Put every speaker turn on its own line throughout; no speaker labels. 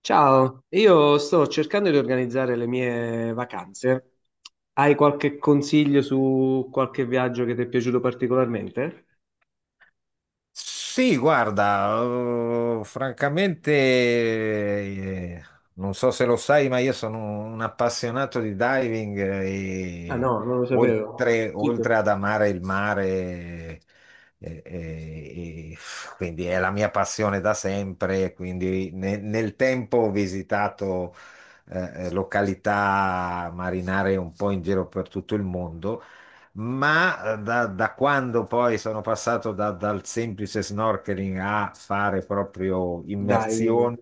Ciao, io sto cercando di organizzare le mie vacanze. Hai qualche consiglio su qualche viaggio che ti è piaciuto particolarmente?
Sì, guarda, francamente, non so se lo sai, ma io sono un appassionato di diving
Ah
e
no, non lo sapevo.
oltre,
Fico.
oltre ad amare il mare, e quindi è la mia passione da sempre. Quindi nel tempo ho visitato località marinare un po' in giro per tutto il mondo ma da quando poi sono passato dal semplice snorkeling a fare proprio
Dai, quindi.
immersioni,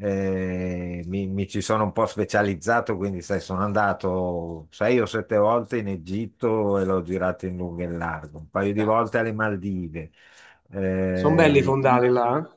mi ci sono un po' specializzato, quindi sai, sono andato sei o sette volte in Egitto e l'ho girato in lungo e in largo, un paio di volte alle Maldive.
Sono belli i
Eh,
fondali là, eh?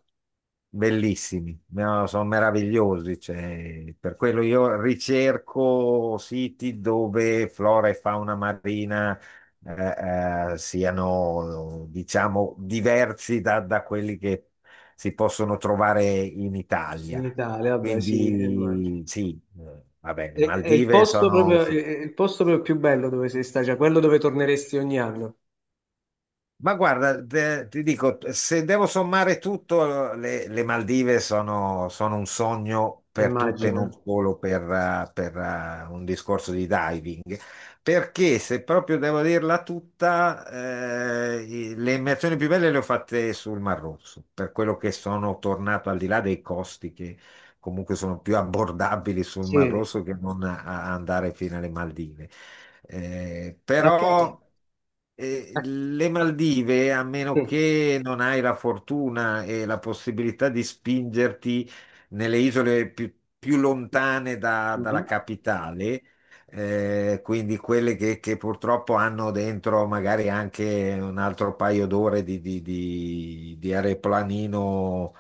Bellissimi, no, sono meravigliosi, cioè, per quello io ricerco siti dove flora e fauna marina siano, diciamo, diversi da quelli che si possono trovare in Italia.
In Italia, vabbè sì, e immagino.
Quindi sì, vabbè,
È,
le
è il
Maldive
posto
sono.
proprio, è il posto proprio più bello dove sei stato, cioè quello dove torneresti ogni anno,
Ma guarda, ti dico, se devo sommare tutto, le Maldive sono, sono un sogno per tutte, non
immagino.
solo per un discorso di diving, perché se proprio devo dirla tutta, le immersioni più belle le ho fatte sul Mar Rosso, per quello che sono tornato, al di là dei costi che comunque sono più abbordabili sul
Sì.
Mar
E
Rosso che non a andare fino alle Maldive.
a che- a-
Però le Maldive, a meno
sì.
che non hai la fortuna e la possibilità di spingerti nelle isole più, più lontane dalla
Mhm.
capitale, quindi quelle che purtroppo hanno dentro magari anche un altro paio d'ore di aeroplanino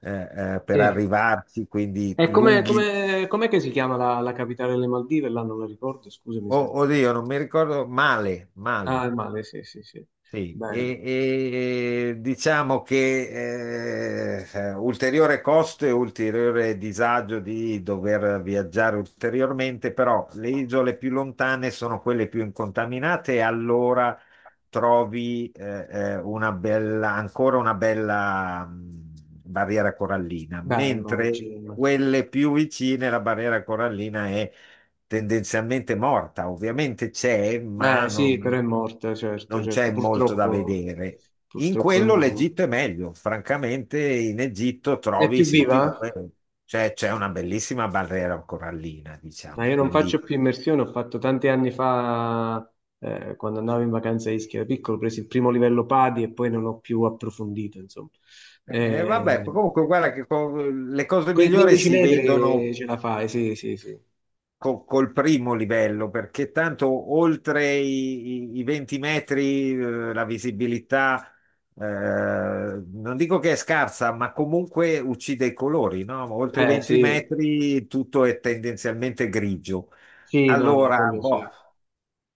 per
Sì.
arrivarci, quindi
E
lunghi.
com'è che si chiama la capitale delle Maldive? Là non la ricordo, scusami
Oh,
se...
oddio, non mi ricordo male,
Ah, è
male.
Male, sì, sì, sì.
Sì,
Bello.
e diciamo che ulteriore costo e ulteriore disagio di dover viaggiare ulteriormente, però le isole più lontane sono quelle più incontaminate e allora trovi una bella, ancora una bella barriera corallina,
Beh,
mentre
immagino.
quelle più vicine la barriera corallina è tendenzialmente morta. Ovviamente c'è, ma
Beh, sì, però
non,
è morta, certo,
non
certo.
c'è molto da
Purtroppo,
vedere. In
purtroppo è un
quello
disastro.
l'Egitto è meglio, francamente in Egitto
È
trovi
più
siti dove
viva?
c'è una bellissima barriera corallina,
Ma
diciamo,
io non faccio
quindi...
più immersione, ho fatto tanti anni fa, quando andavo in vacanza a Ischia da piccolo, ho preso il primo livello PADI e poi non ho più approfondito, insomma.
Vabbè,
Eh,
comunque guarda che le cose
Quei
migliori
15
si
metri
vedono
ce la fai, sì, sì, sì.
col primo livello, perché tanto oltre i 20 metri, la visibilità, non dico che è scarsa, ma comunque uccide i colori, no? Oltre i 20
Sì.
metri tutto è tendenzialmente grigio.
Sì, no, no,
Allora,
quello sì.
boh,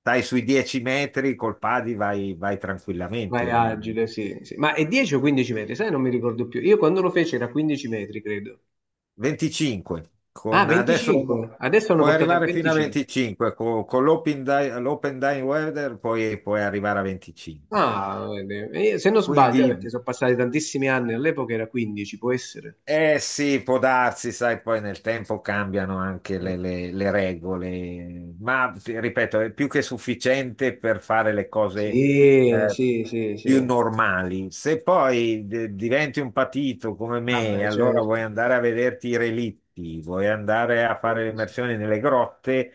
stai sui 10 metri col padi vai, vai
Vai
tranquillamente.
agile, sì, sì. Ma è 10 o 15 metri? Sai, non mi ricordo più. Io quando lo feci era 15 metri, credo.
25,
Ah,
con, adesso
25. Adesso hanno
puoi
portato a
arrivare fino a
25.
25, con, l'open l'open dying weather puoi, puoi arrivare a 25.
Ah, vedi. E io, se non sbaglio,
Quindi.
perché sono passati tantissimi anni, all'epoca era 15, può essere.
Eh sì, può darsi, sai, poi nel tempo cambiano anche
Eh.
le regole, ma ti ripeto, è più che sufficiente per fare le cose
Sì,
eh,
sì, sì,
più
sì.
normali. Se poi diventi un patito come
Vabbè,
me, allora
certo.
vuoi andare a vederti i relitti, vuoi andare a fare le immersioni nelle grotte,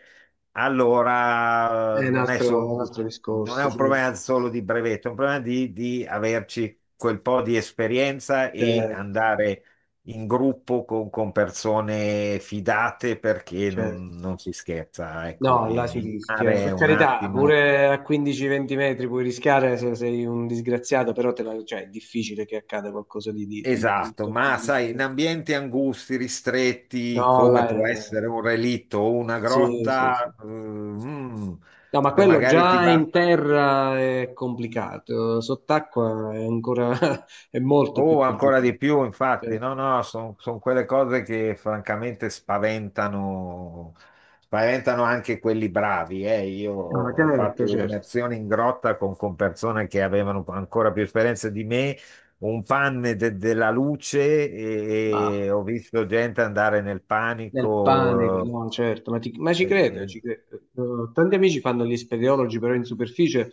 allora
È
non è solo,
un altro
non è
discorso,
un problema
certo.
solo di brevetto, è un problema di averci quel po' di esperienza e
Certo,
andare in gruppo con persone fidate perché non,
certo.
non si scherza, ecco,
No, là si
in
rischia.
mare è
Per
un
carità,
attimo.
pure a 15-20 metri puoi rischiare se sei un disgraziato, però cioè, è difficile che accada qualcosa di
Esatto,
brutto a
ma
15
sai, in
metri.
ambienti angusti, ristretti,
No, là
come può
è-
essere un relitto o una
Sì, sì, sì.
grotta,
No, ma quello
magari ti
già
va.
in terra è complicato, sott'acqua è ancora è molto più
Oh, ancora
complicato.
di più, infatti, no,
Certo.
no, sono quelle cose che francamente spaventano, spaventano anche quelli bravi. Io
No, ma
ho fatto
certo, certo.
immersioni in grotta con persone che avevano ancora più esperienza di me, un panne della luce
Ma
e ho visto gente andare nel
nel panico,
panico.
no, certo, ma ci
eh,
credo,
eh,
ci credo. Tanti amici fanno gli speleologi, però in superficie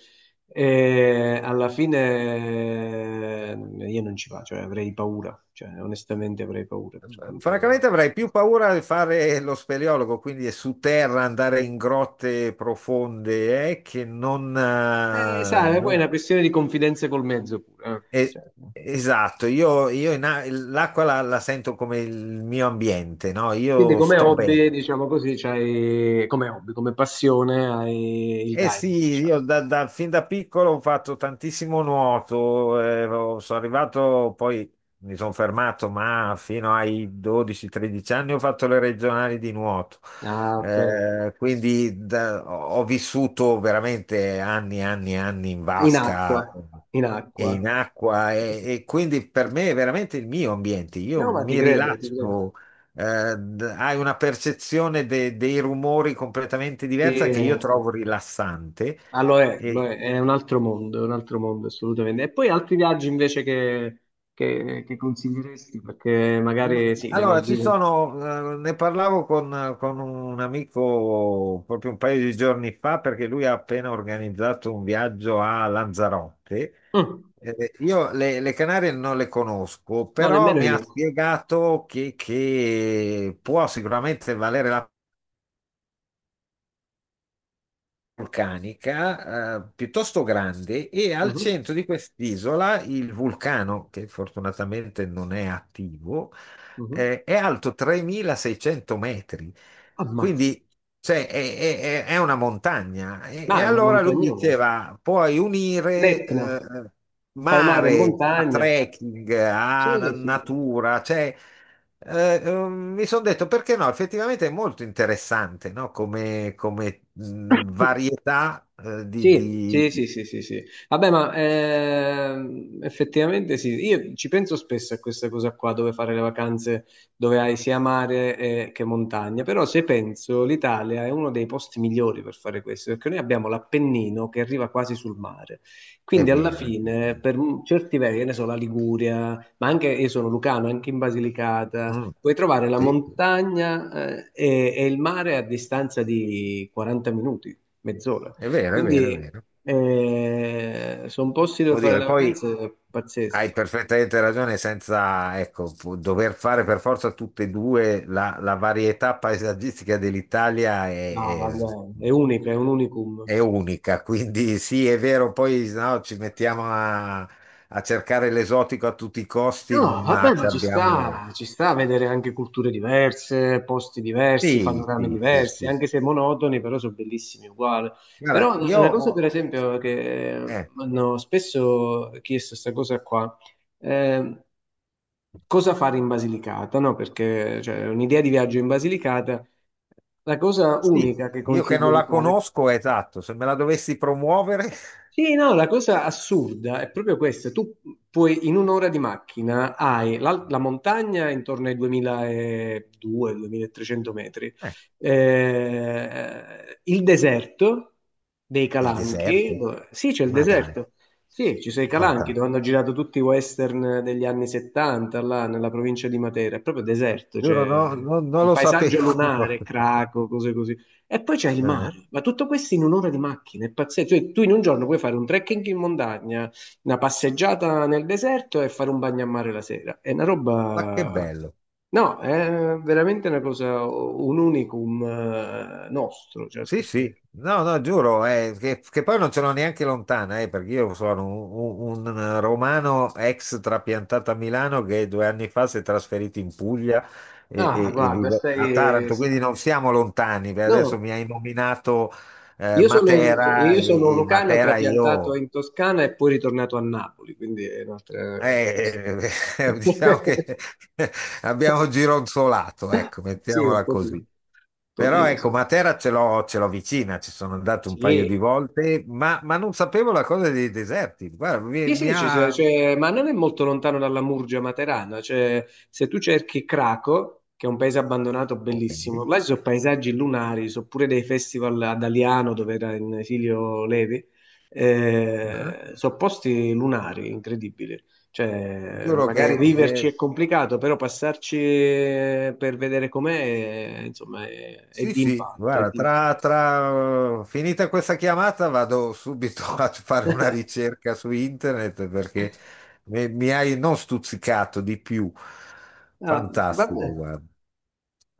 e alla fine io non ci vado, cioè avrei paura, cioè onestamente avrei paura per
Francamente
quanto...
avrei più paura di fare lo speleologo, quindi su terra andare in grotte profonde, che non...
Sai, poi è una questione di confidenza col mezzo pure. Eh.
eh,
Cioè,
esatto, io l'acqua la sento come il mio ambiente, no?
quindi
Io
come
sto bene.
hobby, diciamo così, c'hai, come hobby, come passione hai il
Eh sì,
diving, diciamo.
io fin da piccolo ho fatto tantissimo nuoto, sono arrivato, poi mi sono fermato, ma fino ai 12-13 anni ho fatto le regionali di nuoto.
Ah, ok.
Quindi ho vissuto veramente anni e anni e anni in
In acqua,
vasca
in
e
acqua.
in acqua e quindi per me è veramente il mio ambiente, io
No, ma ti
mi
credo, ti credo.
rilascio hai una percezione dei rumori completamente
Sì,
diversa,
è
che
un
io
altro-
trovo rilassante.
ah, lo
E,
è un altro mondo, è un altro mondo assolutamente. E poi altri viaggi invece che consiglieresti, perché magari sì, le
allora, ci
Maldive.
sono, ne parlavo con un amico proprio un paio di giorni fa perché lui ha appena organizzato un viaggio a Lanzarote.
Mm,
Io le Canarie non le conosco,
no,
però
nemmeno
mi ha
io.
spiegato che può sicuramente valere la vulcanica, piuttosto grande e al
Mhm,
centro di quest'isola il vulcano, che fortunatamente non è attivo,
mhm.
è alto 3600 metri.
Ammazza.
Quindi cioè, è una montagna.
Ma
E
è una
allora lui
montagnola.
diceva, puoi unire
L'Etna, fai mare e
mare a
montagna.
trekking,
Sì,
a
sì.
natura, cioè mi sono detto perché no, effettivamente è molto interessante, no? Come, come, varietà
Sì, sì, sì, sì, sì, sì. Vabbè, ma effettivamente sì, io ci penso spesso a questa cosa qua, dove fare le vacanze, dove hai sia mare che montagna, però se penso l'Italia è uno dei posti migliori per fare questo, perché noi abbiamo l'Appennino che arriva quasi sul mare,
È
quindi alla
vero. Anche
fine
tu.
certi versi, che ne so, la Liguria, ma anche io sono lucano, anche in Basilicata,
Mm,
puoi trovare la
sì, sì,
montagna e il mare a distanza di 40 minuti, mezz'ora.
è vero, è vero, è
Quindi
vero.
sono posti dove
Oddio,
fare
e
le
poi
vacanze
hai
pazzeschi.
perfettamente ragione, senza, ecco, dover fare per forza tutte e due, la varietà paesaggistica dell'Italia
No, vabbè, è unica, è un unicum.
è unica, quindi sì, è vero, poi no, ci mettiamo a cercare l'esotico a tutti i costi,
No,
ma
vabbè,
ci
ma
abbiamo...
ci sta a vedere anche culture diverse, posti diversi,
Sì,
panorami
sì, sì,
diversi,
sì.
anche se monotoni, però sono bellissimi uguali.
Guarda,
Però una cosa, per esempio, che
eh,
mi hanno spesso chiesto questa cosa qua, eh, cosa fare in Basilicata, no? Perché cioè, un'idea di viaggio in Basilicata, la cosa
sì,
unica che
io che
consiglio
non
di
la
fare
conosco, esatto, se me la dovessi promuovere,
sì, no, la cosa assurda è proprio questa. Tu puoi in un'ora di macchina hai la montagna intorno ai 2200-2300 metri,
eh,
il deserto dei
il
Calanchi,
deserto,
sì c'è il
ma dai.
deserto, sì ci sono i Calanchi dove
Fantastico.
hanno girato tutti i western degli anni 70 là nella provincia di Matera, è proprio deserto,
Giuro, no,
cioè
non
un
lo
paesaggio
sapevo.
lunare, Craco, cose così. E poi c'è il
Eh,
mare, ma tutto questo in un'ora di macchina, è pazzesco. Cioè, tu in un giorno puoi fare un trekking in montagna, una passeggiata nel deserto e fare un bagno a mare la sera. È una
Ma che
roba...
bello.
No, è veramente una cosa, un unicum nostro, cioè
Sì, sì.
perché...
No, no, giuro, che poi non ce l'ho neanche lontana, perché io sono un, un romano ex trapiantato a Milano che due anni fa si è trasferito in Puglia e,
Ah,
e
guarda,
vive a
stai...
Taranto, quindi non siamo lontani. Beh, adesso
No,
mi hai nominato
io sono,
Matera
io sono un
e
lucano,
Matera
trapiantato
io...
in Toscana e poi ritornato a Napoli, quindi è un'altra...
Eh, diciamo che abbiamo gironzolato, ecco,
sì,
mettiamola
un
così. Però
pochino
ecco,
sì.
Matera ce l'ho vicina, ci sono andato un paio di
Sì,
volte, ma non sapevo la cosa dei deserti. Guarda, mi,
sì,
mi
sì,
ha...
cioè, ma non è molto lontano dalla Murgia Materana, cioè, se tu cerchi Craco, che è un paese abbandonato
ok.
bellissimo, là ci sono paesaggi lunari, ci sono pure dei festival ad Aliano dove era in esilio Levi,
Ah.
sono posti lunari, incredibili, cioè,
Giuro
magari
che
viverci è complicato, però passarci per vedere com'è, insomma, è
sì,
di
sì,
impatto, è
guarda,
di impatto.
finita questa chiamata vado subito a fare una ricerca su internet perché mi hai non stuzzicato di più.
Ah, va bene,
Fantastico, guarda.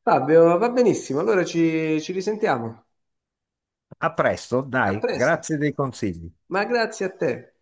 Fabio, va benissimo, allora ci risentiamo.
A presto,
A
dai,
presto,
grazie dei consigli.
ma grazie a te.